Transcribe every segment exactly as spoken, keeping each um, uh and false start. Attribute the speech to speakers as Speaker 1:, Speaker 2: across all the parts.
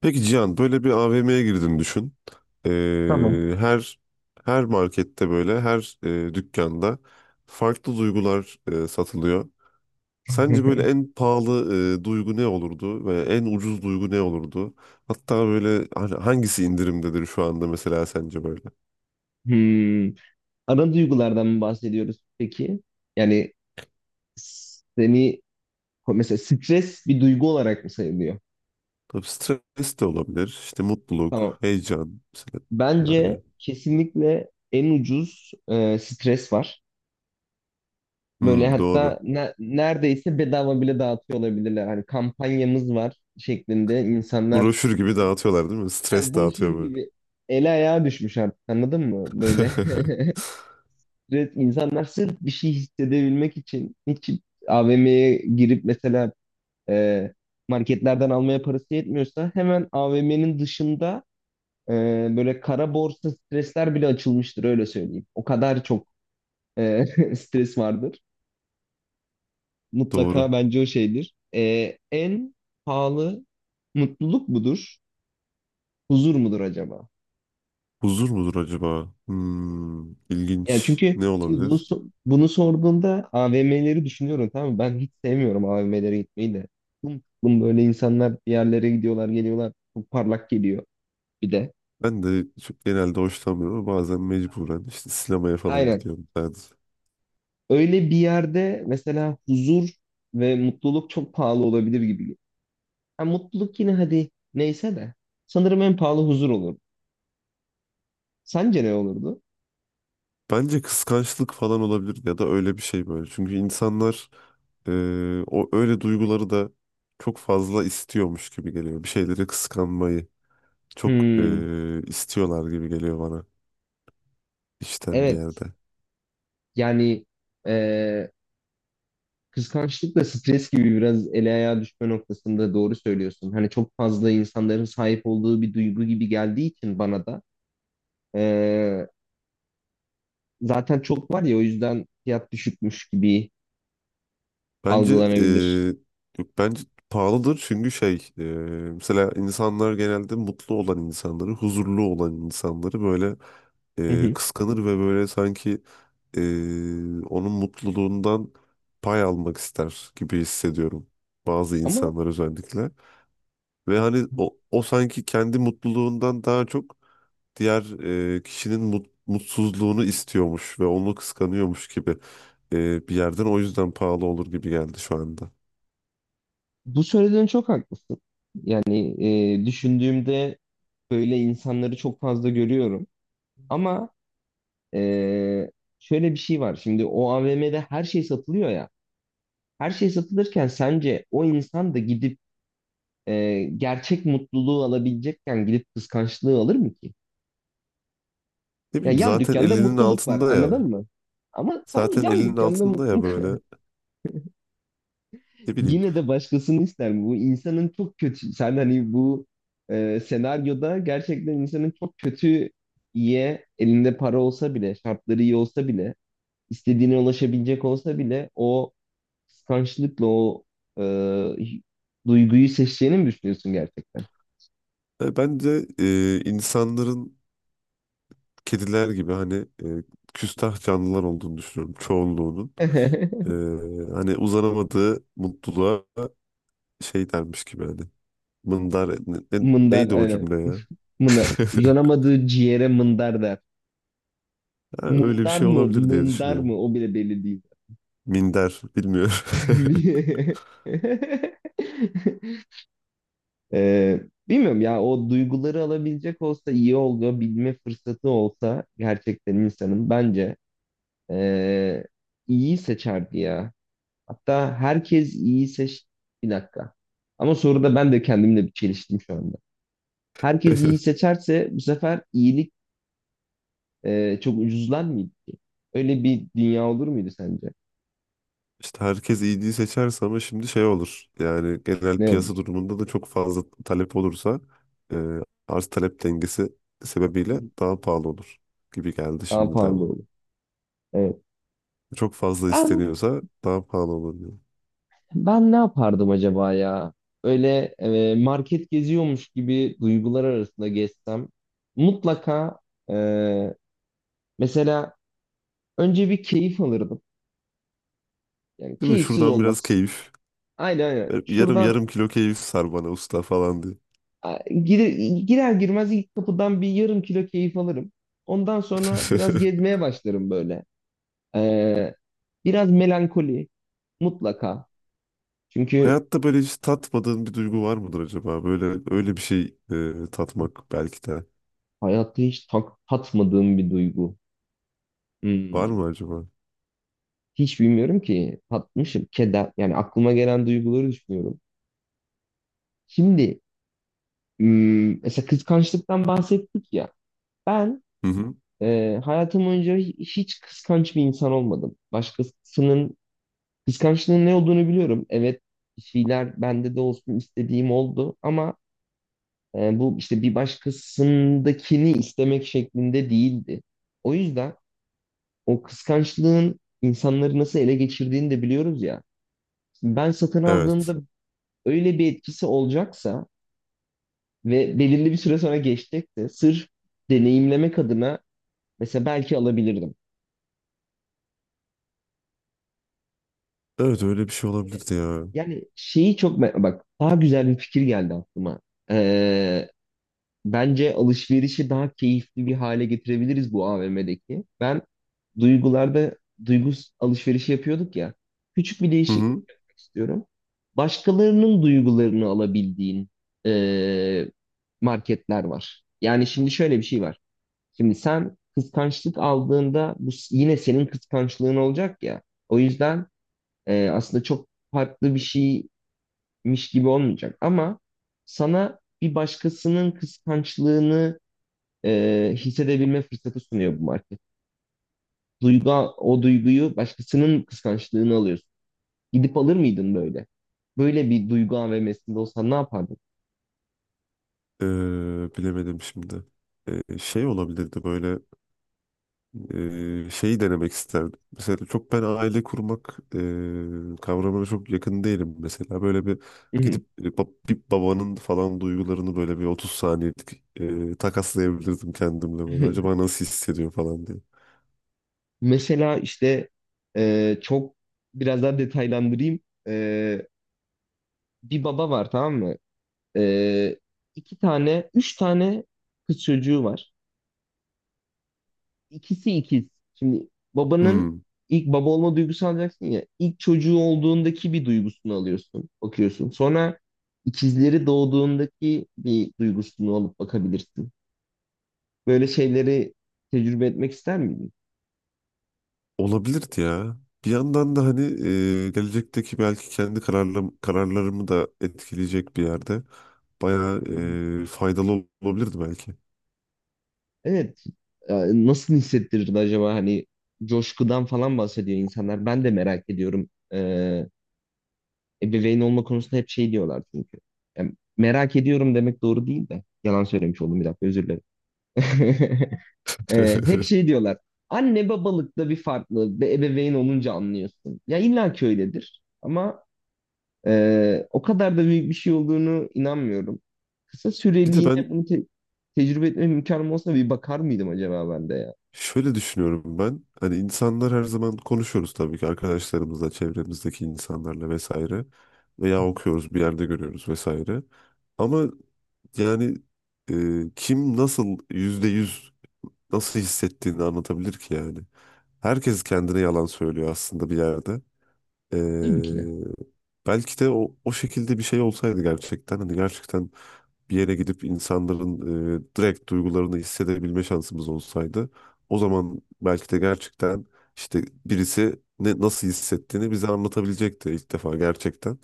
Speaker 1: Peki Cihan böyle bir A V M'ye girdin düşün.
Speaker 2: Tamam.
Speaker 1: Ee, her her markette böyle her e, dükkanda farklı duygular e, satılıyor. Sence böyle en pahalı e, duygu ne olurdu ve en ucuz duygu ne olurdu? Hatta böyle hani hangisi indirimdedir şu anda mesela sence böyle?
Speaker 2: Hmm. Ana duygulardan mı bahsediyoruz peki? Yani seni mesela stres bir duygu olarak mı sayılıyor?
Speaker 1: Tabii stres de olabilir. İşte
Speaker 2: Tamam.
Speaker 1: mutluluk, heyecan mesela
Speaker 2: Bence
Speaker 1: yani.
Speaker 2: kesinlikle en ucuz e, stres var. Böyle
Speaker 1: Hmm,
Speaker 2: hatta
Speaker 1: doğru.
Speaker 2: ne- neredeyse bedava bile dağıtıyor olabilirler. Hani kampanyamız var şeklinde insanlar
Speaker 1: Broşür gibi dağıtıyorlar değil mi?
Speaker 2: yani
Speaker 1: Stres
Speaker 2: broşür
Speaker 1: dağıtıyor böyle.
Speaker 2: gibi ele ayağa düşmüş artık anladın mı? Böyle. Evet, insanlar sırf bir şey hissedebilmek için hiç A V M'ye girip mesela e, marketlerden almaya parası yetmiyorsa hemen A V M'nin dışında e, böyle kara borsa stresler bile açılmıştır, öyle söyleyeyim. O kadar çok e, stres vardır.
Speaker 1: Doğru.
Speaker 2: Mutlaka bence o şeydir. E, en pahalı mutluluk mudur? Huzur mudur acaba?
Speaker 1: Huzur mudur acaba? Hmm,
Speaker 2: Yani
Speaker 1: ilginç.
Speaker 2: çünkü
Speaker 1: Ne
Speaker 2: şimdi bunu
Speaker 1: olabilir?
Speaker 2: so- bunu sorduğumda A V M'leri düşünüyorum, tamam mı? Ben hiç sevmiyorum A V M'lere gitmeyi de. Bunun böyle, insanlar bir yerlere gidiyorlar, geliyorlar. Çok parlak geliyor bir de.
Speaker 1: Ben de çok genelde hoşlanmıyorum ama bazen mecburen işte sinemaya falan
Speaker 2: Aynen.
Speaker 1: gidiyorum sadece.
Speaker 2: Öyle bir yerde mesela huzur ve mutluluk çok pahalı olabilir gibi geliyor. Ha, mutluluk yine hadi neyse de sanırım en pahalı huzur olur. Sence ne olurdu?
Speaker 1: Bence kıskançlık falan olabilir ya da öyle bir şey böyle. Çünkü insanlar e, o öyle duyguları da çok fazla istiyormuş gibi geliyor. Bir şeyleri kıskanmayı çok
Speaker 2: Hmm,
Speaker 1: e, istiyorlar gibi geliyor bana içten bir
Speaker 2: evet.
Speaker 1: yerde.
Speaker 2: Yani kıskançlık da stres gibi biraz ele ayağa düşme noktasında, doğru söylüyorsun. Hani çok fazla insanların sahip olduğu bir duygu gibi geldiği için bana da eee, zaten çok var ya, o yüzden fiyat düşükmüş gibi
Speaker 1: Bence
Speaker 2: algılanabilir.
Speaker 1: eee, yok bence pahalıdır çünkü şey eee, mesela insanlar genelde mutlu olan insanları, huzurlu olan insanları böyle
Speaker 2: Hı
Speaker 1: eee,
Speaker 2: hı.
Speaker 1: kıskanır ve böyle sanki eee, onun mutluluğundan pay almak ister gibi hissediyorum bazı
Speaker 2: Ama
Speaker 1: insanlar özellikle. Ve hani o, o sanki kendi mutluluğundan daha çok diğer eee, kişinin mut- mutsuzluğunu istiyormuş ve onu kıskanıyormuş gibi eee, bir yerden o yüzden pahalı olur gibi geldi şu anda.
Speaker 2: bu söylediğin, çok haklısın. Yani eee, düşündüğümde böyle insanları çok fazla görüyorum. Ama eee, şöyle bir şey var. Şimdi o A V M'de her şey satılıyor ya. Her şey satılırken sence o insan da gidip e, gerçek mutluluğu alabilecekken gidip kıskançlığı alır mı ki?
Speaker 1: Ne
Speaker 2: Ya
Speaker 1: bileyim
Speaker 2: yan
Speaker 1: zaten
Speaker 2: dükkanda
Speaker 1: elinin
Speaker 2: mutluluk var,
Speaker 1: altında
Speaker 2: anladın
Speaker 1: ya.
Speaker 2: mı? Ama tam
Speaker 1: Zaten
Speaker 2: yan
Speaker 1: elinin
Speaker 2: dükkanda
Speaker 1: altında ya
Speaker 2: mutluluk
Speaker 1: böyle.
Speaker 2: var.
Speaker 1: Ne bileyim.
Speaker 2: Yine de başkasını ister mi? Bu insanın çok kötü. Sen hani bu e, senaryoda gerçekten insanın çok kötü iyiye, elinde para olsa bile, şartları iyi olsa bile, istediğine ulaşabilecek olsa bile o kıskançlıkla o e, duyguyu seçeceğini mi düşünüyorsun gerçekten?
Speaker 1: Yani bence e, insanların kediler gibi hani e, küstah canlılar olduğunu düşünüyorum çoğunluğunun. E, Hani uzanamadığı mutluluğa şey dermiş gibi hani. Mındar ne- ne-
Speaker 2: Mındar
Speaker 1: neydi o
Speaker 2: aynen.
Speaker 1: cümle ya?
Speaker 2: Mına, uzanamadığı ciğere mındar der.
Speaker 1: Ha, öyle bir
Speaker 2: Mundar
Speaker 1: şey
Speaker 2: mı,
Speaker 1: olabilir diye
Speaker 2: mındar
Speaker 1: düşünüyorum.
Speaker 2: mı, o bile belli değil.
Speaker 1: Minder bilmiyorum.
Speaker 2: Ee, Bilmiyorum ya, o duyguları alabilecek olsa iyi oldu, bilme fırsatı olsa gerçekten insanın bence ee, iyi seçerdi ya. Hatta herkes iyi seç... Bir dakika. Ama soruda ben de kendimle bir çeliştim şu anda. Herkes iyi seçerse bu sefer iyilik e, çok ucuzlar mıydı ki? Öyle bir dünya olur muydu sence?
Speaker 1: İşte herkes iyiliği seçerse ama şimdi şey olur. Yani genel
Speaker 2: Ne
Speaker 1: piyasa
Speaker 2: olur?
Speaker 1: durumunda da çok fazla talep olursa e, arz talep dengesi sebebiyle daha pahalı olur gibi geldi
Speaker 2: Daha
Speaker 1: şimdiden
Speaker 2: pahalı
Speaker 1: bu.
Speaker 2: olur. Evet.
Speaker 1: Çok fazla
Speaker 2: Ben
Speaker 1: isteniyorsa daha pahalı olur diyor.
Speaker 2: ben ne yapardım acaba ya? Öyle e, market geziyormuş gibi duygular arasında gezsem mutlaka e, mesela önce bir keyif alırdım. Yani
Speaker 1: Değil mi?
Speaker 2: keyifsiz
Speaker 1: Şuradan biraz
Speaker 2: olmaz.
Speaker 1: keyif.
Speaker 2: Aynen, aynen.
Speaker 1: Ver- Yarım
Speaker 2: Şuradan
Speaker 1: yarım kilo keyif sar bana usta falan diye.
Speaker 2: a, girer, girer girmez ilk kapıdan bir yarım kilo keyif alırım. Ondan sonra biraz gezmeye başlarım böyle. E, Biraz melankoli, mutlaka. Çünkü
Speaker 1: Hayatta böyle hiç tatmadığın bir duygu var mıdır acaba? Böyle öyle bir şey e, tatmak belki de.
Speaker 2: hayatta hiç tak, tatmadığım bir duygu.
Speaker 1: Var
Speaker 2: Hmm.
Speaker 1: mı acaba?
Speaker 2: Hiç bilmiyorum ki tatmışım. Keder. Yani aklıma gelen duyguları düşünüyorum. Şimdi hmm, mesela kıskançlıktan bahsettik ya. Ben
Speaker 1: Hı hı.
Speaker 2: e, hayatım boyunca hi- hiç kıskanç bir insan olmadım. Başkasının kıskançlığın ne olduğunu biliyorum. Evet, bir şeyler bende de olsun istediğim oldu ama e, bu işte bir başkasındakini istemek şeklinde değildi. O yüzden o kıskançlığın insanları nasıl ele geçirdiğini de biliyoruz ya. Ben satın
Speaker 1: Evet.
Speaker 2: aldığımda öyle bir etkisi olacaksa ve belirli bir süre sonra geçecekse sırf deneyimlemek adına mesela belki alabilirdim.
Speaker 1: Evet öyle bir şey olabilirdi ya.
Speaker 2: Yani şeyi çok me- bak, daha güzel bir fikir geldi aklıma. Ee, Bence alışverişi daha keyifli bir hale getirebiliriz bu A V M'deki. Ben duygularda duygu alışverişi yapıyorduk ya. Küçük bir
Speaker 1: Hı
Speaker 2: değişiklik
Speaker 1: hı.
Speaker 2: yapmak istiyorum. Başkalarının duygularını alabildiğin eee, marketler var. Yani şimdi şöyle bir şey var. Şimdi sen kıskançlık aldığında bu s- yine senin kıskançlığın olacak ya. O yüzden eee, aslında çok farklı bir şeymiş gibi olmayacak. Ama sana bir başkasının kıskançlığını e, hissedebilme fırsatı sunuyor bu market. Duygu, o duyguyu başkasının kıskançlığını alıyorsun. Gidip alır mıydın böyle? Böyle bir duygu A V M'sinde olsan ne yapardın?
Speaker 1: Ee, bilemedim şimdi. Ee, şey olabilirdi böyle e, şeyi denemek isterdim. Mesela çok ben aile kurmak e, kavramına çok yakın değilim mesela. Böyle bir gidip e, bab- bir babanın falan duygularını böyle bir otuz saniyelik e, takaslayabilirdim kendimle böyle. Acaba nasıl hissediyor falan diye.
Speaker 2: Mesela işte e, çok biraz daha detaylandırayım. E, Bir baba var, tamam mı? E, iki tane, üç tane kız çocuğu var. İkisi ikiz. Şimdi babanın
Speaker 1: Hmm.
Speaker 2: ilk baba olma duygusu alacaksın ya. İlk çocuğu olduğundaki bir duygusunu alıyorsun, bakıyorsun. Sonra ikizleri doğduğundaki bir duygusunu alıp bakabilirsin. Böyle şeyleri tecrübe etmek ister miydin?
Speaker 1: Olabilirdi ya. Bir yandan da hani e, gelecekteki belki kendi kararlarım, kararlarımı da etkileyecek bir yerde bayağı
Speaker 2: Hı hı.
Speaker 1: e, faydalı ol- olabilirdi belki.
Speaker 2: Evet. Ee, Nasıl hissettirirdi acaba, hani coşkudan falan bahsediyor insanlar. Ben de merak ediyorum. Ee, ebeveyn olma konusunda hep şey diyorlar çünkü. Yani merak ediyorum demek doğru değil de. Yalan söylemiş oldum, bir dakika, özür dilerim. Ee, hep şey diyorlar. Anne babalıkta bir farklı. Bir ebeveyn olunca anlıyorsun. Ya illa ki öyledir. Ama e, o kadar da büyük bir şey olduğunu inanmıyorum. Kısa
Speaker 1: Bir de
Speaker 2: süreliğine
Speaker 1: ben
Speaker 2: bunu te- tecrübe etme imkanım olsa bir bakar mıydım acaba ben de ya?
Speaker 1: şöyle düşünüyorum ben hani insanlar her zaman konuşuyoruz tabii ki arkadaşlarımızla, çevremizdeki insanlarla vesaire veya okuyoruz bir yerde görüyoruz vesaire. Ama yani e, kim nasıl yüzde yüz nasıl hissettiğini anlatabilir ki yani. Herkes kendine yalan söylüyor aslında bir yerde. Ee,
Speaker 2: Tabii ki de.
Speaker 1: Belki de o, o şekilde bir şey olsaydı gerçekten hani gerçekten bir yere gidip insanların e, direkt duygularını hissedebilme şansımız olsaydı o zaman belki de gerçekten işte birisi ne nasıl hissettiğini bize anlatabilecekti ilk defa gerçekten.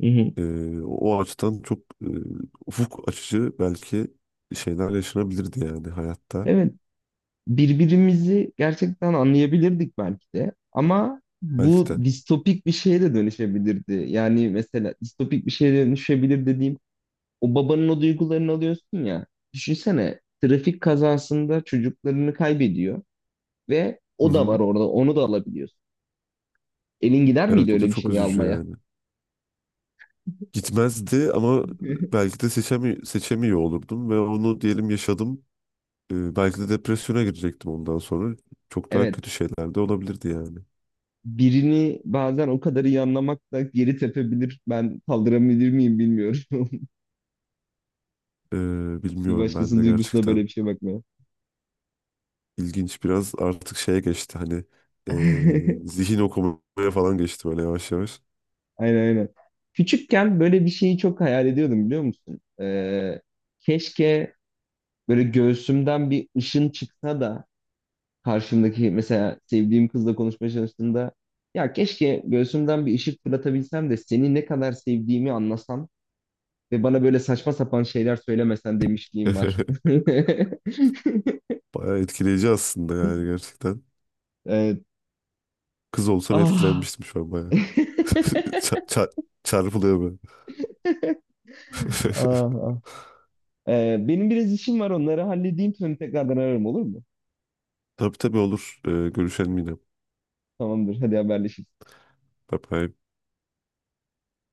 Speaker 2: Hı hı.
Speaker 1: Ee, o açıdan çok e, ufuk açıcı belki şeyler yaşanabilirdi yani hayatta
Speaker 2: Evet. Birbirimizi gerçekten anlayabilirdik belki de. Ama
Speaker 1: belki
Speaker 2: bu
Speaker 1: de.
Speaker 2: distopik bir şeye de dönüşebilirdi. Yani mesela distopik bir şeye dönüşebilir dediğim, o babanın o duygularını alıyorsun ya. Düşünsene trafik kazasında çocuklarını kaybediyor ve
Speaker 1: Hı
Speaker 2: o da var
Speaker 1: hı.
Speaker 2: orada, onu da alabiliyorsun. Elin gider miydi
Speaker 1: Evet o
Speaker 2: öyle
Speaker 1: da
Speaker 2: bir
Speaker 1: çok
Speaker 2: şeyi
Speaker 1: üzücü
Speaker 2: almaya?
Speaker 1: yani. Gitmezdi ama belki de seçemi seçemiyor olurdum ve onu diyelim yaşadım. Ee, belki de depresyona girecektim ondan sonra. Çok daha
Speaker 2: Evet.
Speaker 1: kötü şeyler de olabilirdi yani.
Speaker 2: Birini bazen o kadar iyi anlamak da geri tepebilir. Ben kaldırabilir miyim bilmiyorum.
Speaker 1: Ee,
Speaker 2: Bir
Speaker 1: bilmiyorum ben
Speaker 2: başkasının
Speaker 1: de
Speaker 2: duygusuna böyle
Speaker 1: gerçekten.
Speaker 2: bir şey bakmaya.
Speaker 1: İlginç biraz artık şeye geçti hani ee, zihin okumaya falan geçti böyle yavaş yavaş.
Speaker 2: Aynen, aynen. Küçükken böyle bir şeyi çok hayal ediyordum, biliyor musun? Ee, keşke böyle göğsümden bir ışın çıksa da karşımdaki mesela sevdiğim kızla konuşmaya çalıştığımda, ya keşke göğsümden bir ışık fırlatabilsem de seni ne kadar sevdiğimi anlasam ve bana böyle saçma sapan şeyler söylemesen demişliğim var.
Speaker 1: Bayağı etkileyici aslında yani gerçekten.
Speaker 2: Evet.
Speaker 1: Kız olsam
Speaker 2: Ah.
Speaker 1: etkilenmiştim şu an bayağı. Ça- ça- Çarpılıyor böyle.
Speaker 2: Ah, ah. Ee, benim biraz işim var, onları halledeyim sonra tekrardan ararım, olur mu?
Speaker 1: Tabii tabii olur. Ee, görüşelim yine.
Speaker 2: Tamamdır, hadi haberleşiriz.
Speaker 1: Dabei